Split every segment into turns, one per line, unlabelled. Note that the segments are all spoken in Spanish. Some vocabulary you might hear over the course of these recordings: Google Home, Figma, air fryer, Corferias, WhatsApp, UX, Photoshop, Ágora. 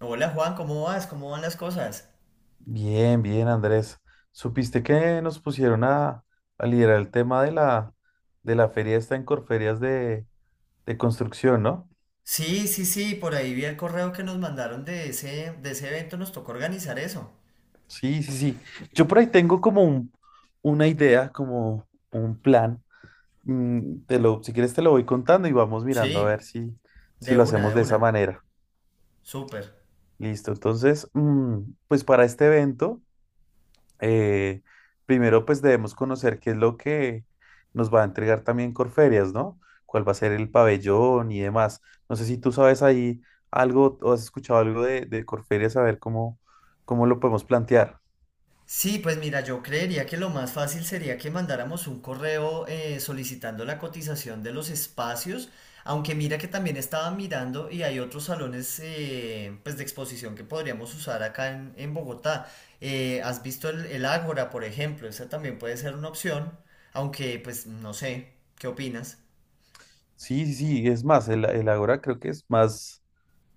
Hola Juan, ¿cómo vas? ¿Cómo van las cosas?
Bien, bien, Andrés. ¿Supiste que nos pusieron a liderar el tema de la feria esta en Corferias de construcción, no?
Sí, sí, sí, por ahí vi el correo que nos mandaron de ese evento, nos tocó organizar eso.
Sí, sí, sí. Yo por ahí tengo como una idea, como un plan. Si quieres te lo voy contando y vamos mirando a ver
Sí,
si
de
lo
una,
hacemos
de
de esa
una.
manera.
Súper.
Listo. Entonces, pues para este evento. eh, Primero pues debemos conocer qué es lo que nos va a entregar también Corferias, ¿no? ¿Cuál va a ser el pabellón y demás? No sé si tú sabes ahí algo o has escuchado algo de Corferias, a ver cómo lo podemos plantear.
Sí, pues mira, yo creería que lo más fácil sería que mandáramos un correo solicitando la cotización de los espacios, aunque mira que también estaba mirando y hay otros salones pues de exposición que podríamos usar acá en Bogotá. ¿Has visto el Ágora, por ejemplo? Esa también puede ser una opción, aunque pues no sé, ¿qué opinas?
Sí, sí, sí, es más, el Ágora creo que es más,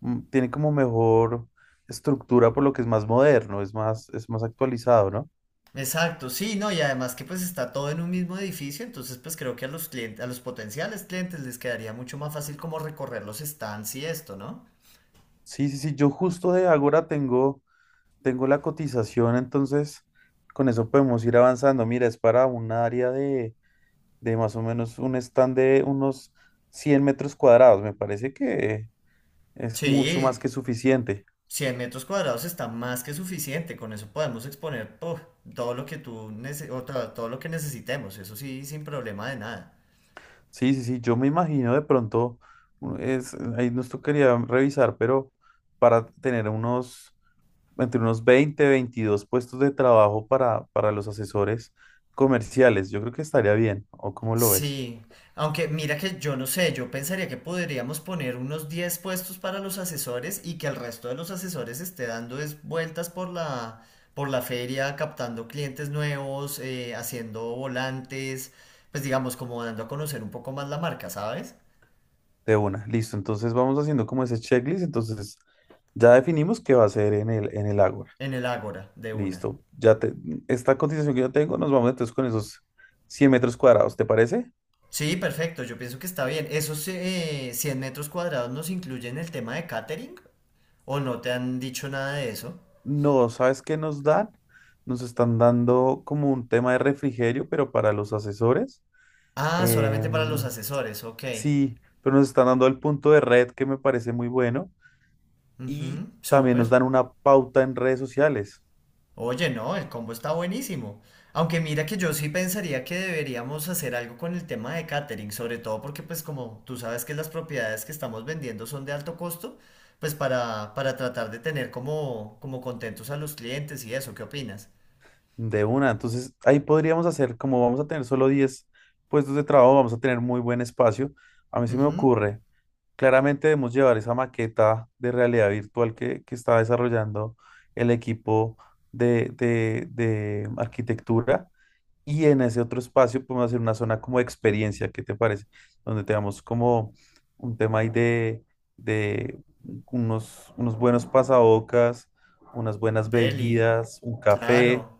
tiene como mejor estructura por lo que es más moderno, es más actualizado, ¿no?
Exacto, sí, no, y además que pues está todo en un mismo edificio, entonces pues creo que a los clientes, a los potenciales clientes les quedaría mucho más fácil como recorrer los stands y esto, ¿no?
Sí, sí, sí, yo justo de Ágora tengo la cotización, entonces con eso podemos ir avanzando. Mira, es para un área de más o menos un stand de unos 100 metros cuadrados. Me parece que es mucho más
Sí,
que suficiente.
100 metros cuadrados está más que suficiente. Con eso podemos exponer puf, todo lo que necesitemos. Eso sí, sin problema de nada.
Sí, sí, sí, yo me imagino de pronto, es, ahí nos tocaría revisar, pero para tener unos entre unos 20 22 puestos de trabajo para los asesores comerciales. Yo creo que estaría bien, ¿o cómo lo ves?
Sí, aunque mira que yo no sé, yo pensaría que podríamos poner unos 10 puestos para los asesores y que el resto de los asesores esté dando es vueltas por la feria, captando clientes nuevos, haciendo volantes, pues digamos como dando a conocer un poco más la marca, ¿sabes?
De una, listo. Entonces vamos haciendo como ese checklist. Entonces ya definimos qué va a ser en el Ágora.
En el Ágora, de una.
Listo. Esta cotización que yo tengo, nos vamos entonces con esos 100 metros cuadrados, ¿te parece?
Sí, perfecto, yo pienso que está bien. ¿Esos 100 metros cuadrados nos incluyen el tema de catering? ¿O no te han dicho nada de eso?
No, ¿sabes qué nos dan? Nos están dando como un tema de refrigerio, pero para los asesores.
Ah, solamente para los
Em,
asesores, ok.
sí, pero nos están dando el punto de red que me parece muy bueno
Ujú,
y también
súper.
nos dan una pauta en redes sociales.
Oye, no, el combo está buenísimo. Aunque mira que yo sí pensaría que deberíamos hacer algo con el tema de catering, sobre todo porque pues como tú sabes que las propiedades que estamos vendiendo son de alto costo, pues para tratar de tener como, como contentos a los clientes y eso, ¿qué opinas?
De una. Entonces ahí podríamos hacer, como vamos a tener solo 10 puestos de trabajo, vamos a tener muy buen espacio. A mí se me
Ujú,
ocurre, claramente debemos llevar esa maqueta de realidad virtual que está desarrollando el equipo de arquitectura. Y en ese otro espacio podemos hacer una zona como de experiencia, ¿qué te parece? Donde tengamos como un tema ahí de unos buenos pasabocas, unas buenas
deli,
bebidas, un café.
claro.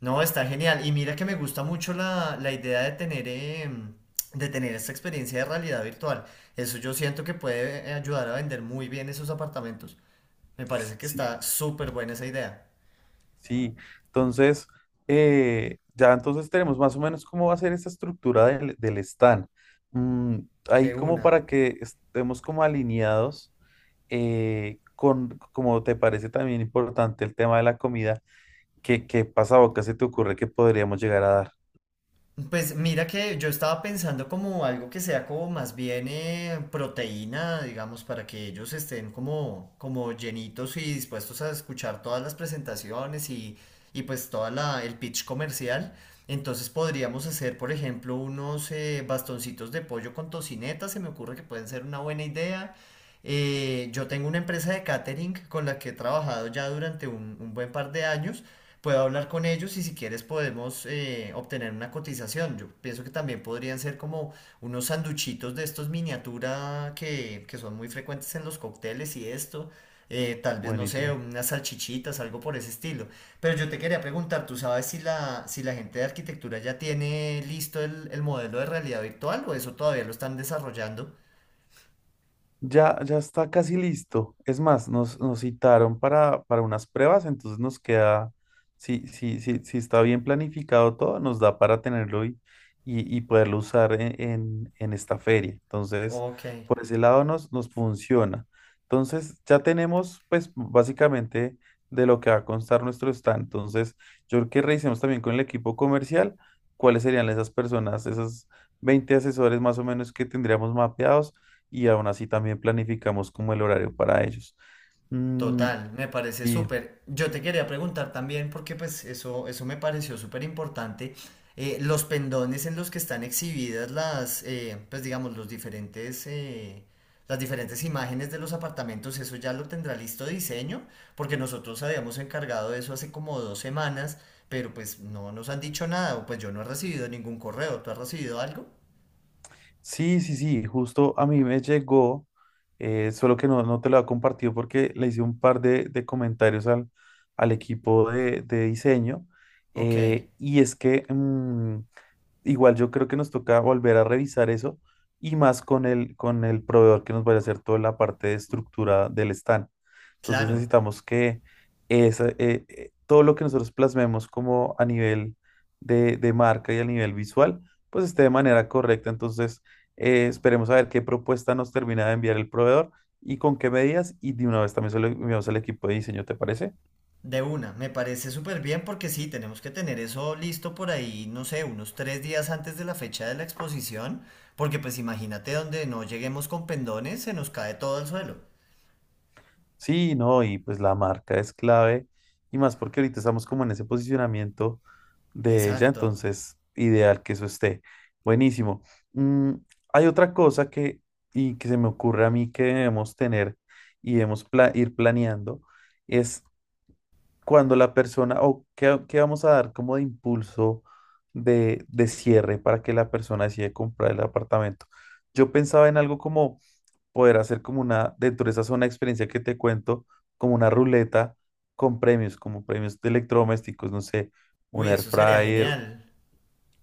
No, está genial. Y mira que me gusta mucho la idea de tener, de tener esta experiencia de realidad virtual. Eso yo siento que puede ayudar a vender muy bien esos apartamentos. Me parece que
Sí,
está súper buena esa idea.
sí. Entonces, ya entonces tenemos más o menos cómo va a ser esa estructura del stand. Mm, Ahí
De
como
una.
para que estemos como alineados, como te parece también importante el tema de la comida. ¿Qué pasa, qué se te ocurre que podríamos llegar a dar?
Pues mira que yo estaba pensando como algo que sea como más bien proteína, digamos, para que ellos estén como, como llenitos y dispuestos a escuchar todas las presentaciones y pues toda la, el pitch comercial. Entonces podríamos hacer, por ejemplo, unos bastoncitos de pollo con tocineta, se me ocurre que pueden ser una buena idea. Yo tengo una empresa de catering con la que he trabajado ya durante un buen par de años. Puedo hablar con ellos y si quieres podemos obtener una cotización. Yo pienso que también podrían ser como unos sanduchitos de estos miniatura que son muy frecuentes en los cócteles y esto. Tal vez, no sé,
Buenísimo.
unas salchichitas, algo por ese estilo. Pero yo te quería preguntar, ¿tú sabes si la gente de arquitectura ya tiene listo el modelo de realidad virtual o eso todavía lo están desarrollando?
Ya, ya está casi listo. Es más, nos citaron para unas pruebas, entonces nos queda, si está bien planificado todo, nos da para tenerlo y poderlo usar en esta feria. Entonces,
Ok.
por ese lado nos funciona. Entonces, ya tenemos, pues, básicamente de lo que va a constar nuestro stand. Entonces, yo creo que revisemos también con el equipo comercial cuáles serían esas personas, esas 20 asesores más o menos que tendríamos mapeados y aún así también planificamos como el horario para ellos. Mm.
Total, me parece
Sí,
súper. Yo te quería preguntar también, porque pues eso me pareció súper importante, los pendones en los que están exhibidas las, pues digamos, los diferentes, las diferentes imágenes de los apartamentos, eso ya lo tendrá listo diseño, porque nosotros habíamos encargado de eso hace como dos semanas, pero pues no nos han dicho nada, o pues yo no he recibido ningún correo, ¿tú has recibido algo?
sí, sí, sí, justo a mí me llegó, solo que no te lo he compartido porque le hice un par de comentarios al equipo de diseño,
Ok,
y es que igual yo creo que nos toca volver a revisar eso y más con el, proveedor que nos vaya a hacer toda la parte de estructura del stand. Entonces
claro.
necesitamos que todo lo que nosotros plasmemos como a nivel de marca y a nivel visual, pues esté de manera correcta. Entonces esperemos a ver qué propuesta nos termina de enviar el proveedor y con qué medidas y de una vez también se lo enviamos al equipo de diseño, ¿te parece?
De una, me parece súper bien porque sí, tenemos que tener eso listo por ahí, no sé, unos tres días antes de la fecha de la exposición, porque pues imagínate donde no lleguemos con pendones, se nos cae todo al suelo.
Sí, no, y pues la marca es clave, y más porque ahorita estamos como en ese posicionamiento de ella,
Exacto.
entonces ideal que eso esté. Buenísimo. Mm, Hay otra cosa que, y que se me ocurre a mí que debemos tener y debemos ir planeando, es cuando la persona, o qué, qué vamos a dar como de impulso de cierre para que la persona decida comprar el apartamento. Yo pensaba en algo como poder hacer como dentro de esa zona de experiencia que te cuento, como una ruleta con premios, como premios de electrodomésticos, no sé, un
Uy,
air
eso sería
fryer,
genial.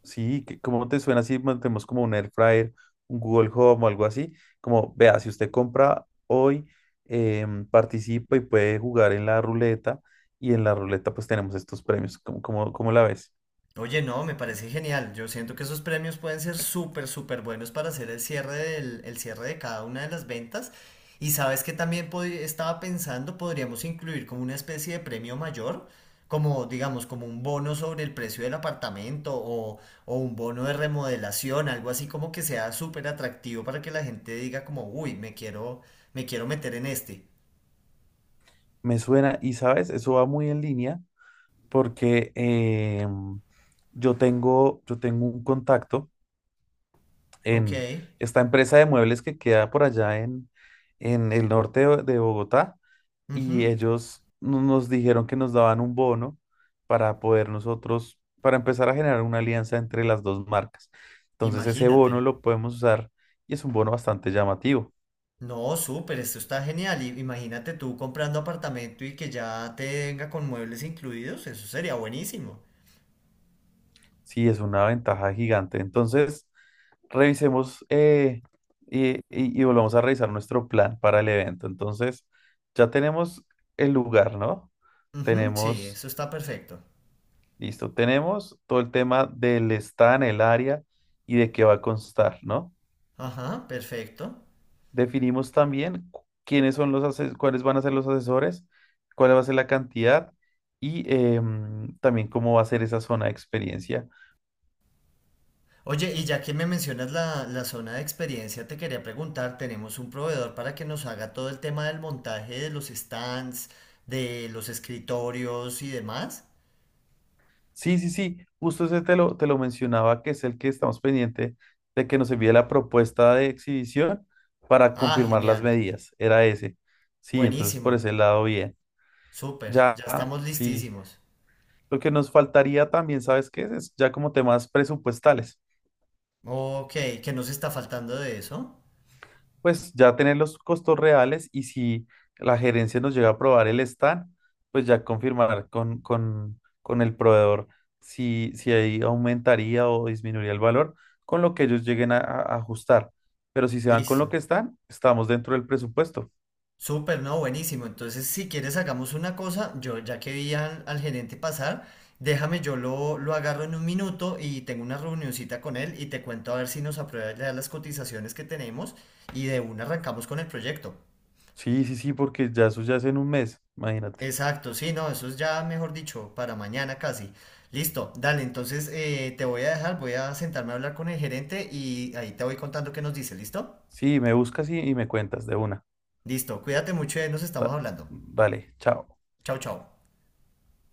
sí, ¿cómo te suena si mantenemos como un air fryer, un Google Home o algo así? Como, vea, si usted compra hoy, participa y puede jugar en la ruleta, y en la ruleta pues tenemos estos premios, ¿cómo la ves?
Oye, no, me parece genial. Yo siento que esos premios pueden ser súper, súper buenos para hacer el cierre el cierre de cada una de las ventas. Y sabes que también estaba pensando, podríamos incluir como una especie de premio mayor, como digamos, como un bono sobre el precio del apartamento o un bono de remodelación, algo así como que sea súper atractivo para que la gente diga como, uy, me quiero meter en este.
Me suena, y sabes, eso va muy en línea porque yo tengo un contacto en
Ok,
esta empresa de muebles que queda por allá en el norte de Bogotá y
ujú,
ellos nos dijeron que nos daban un bono para poder nosotros, para empezar a generar una alianza entre las dos marcas. Entonces ese
imagínate.
bono lo podemos usar y es un bono bastante llamativo.
No, súper, esto está genial. Y imagínate tú comprando apartamento y que ya te venga con muebles incluidos, eso sería buenísimo.
Sí, es una ventaja gigante. Entonces, revisemos y volvamos a revisar nuestro plan para el evento. Entonces, ya tenemos el lugar, ¿no?
Ujú, sí,
Tenemos
eso está perfecto.
Listo, tenemos todo el tema del stand, el área y de qué va a constar, ¿no?
Ajá, perfecto.
Definimos también quiénes son cuáles van a ser los asesores, cuál va a ser la cantidad y también cómo va a ser esa zona de experiencia.
Oye, y ya que me mencionas la zona de experiencia, te quería preguntar, tenemos un proveedor para que nos haga todo el tema del montaje de los stands, de los escritorios y demás.
Sí, sí, sí, justo ese te lo, mencionaba, que es el que estamos pendiente de que nos envíe la propuesta de exhibición para
Ah,
confirmar las
genial.
medidas, era ese. Sí, entonces por
Buenísimo.
ese lado bien.
Súper, ya
Ya,
estamos
sí.
listísimos.
Lo que nos faltaría también, ¿sabes qué? Es ya como temas presupuestales.
Ok, ¿qué nos está faltando de eso?
Pues ya tener los costos reales y si la gerencia nos llega a aprobar el stand, pues ya confirmar con, con el proveedor si ahí aumentaría o disminuiría el valor con lo que ellos lleguen a ajustar. Pero si se van con lo
Listo.
que están, estamos dentro del presupuesto.
Súper, no, buenísimo. Entonces, si quieres, hagamos una cosa. Yo, ya que vi al gerente pasar, déjame, yo lo agarro en un minuto y tengo una reunioncita con él y te cuento a ver si nos aprueba ya las cotizaciones que tenemos y de una arrancamos con el proyecto.
Sí, sí, sí, porque ya eso ya es en un mes, imagínate.
Exacto, sí, no, eso es ya, mejor dicho, para mañana casi. Listo, dale, entonces te voy a dejar, voy a sentarme a hablar con el gerente y ahí te voy contando qué nos dice, ¿listo?
Sí, me buscas y me cuentas de una.
Listo, cuídate mucho y ahí nos estamos
Da-
hablando.
Dale, chao.
Chao, chao.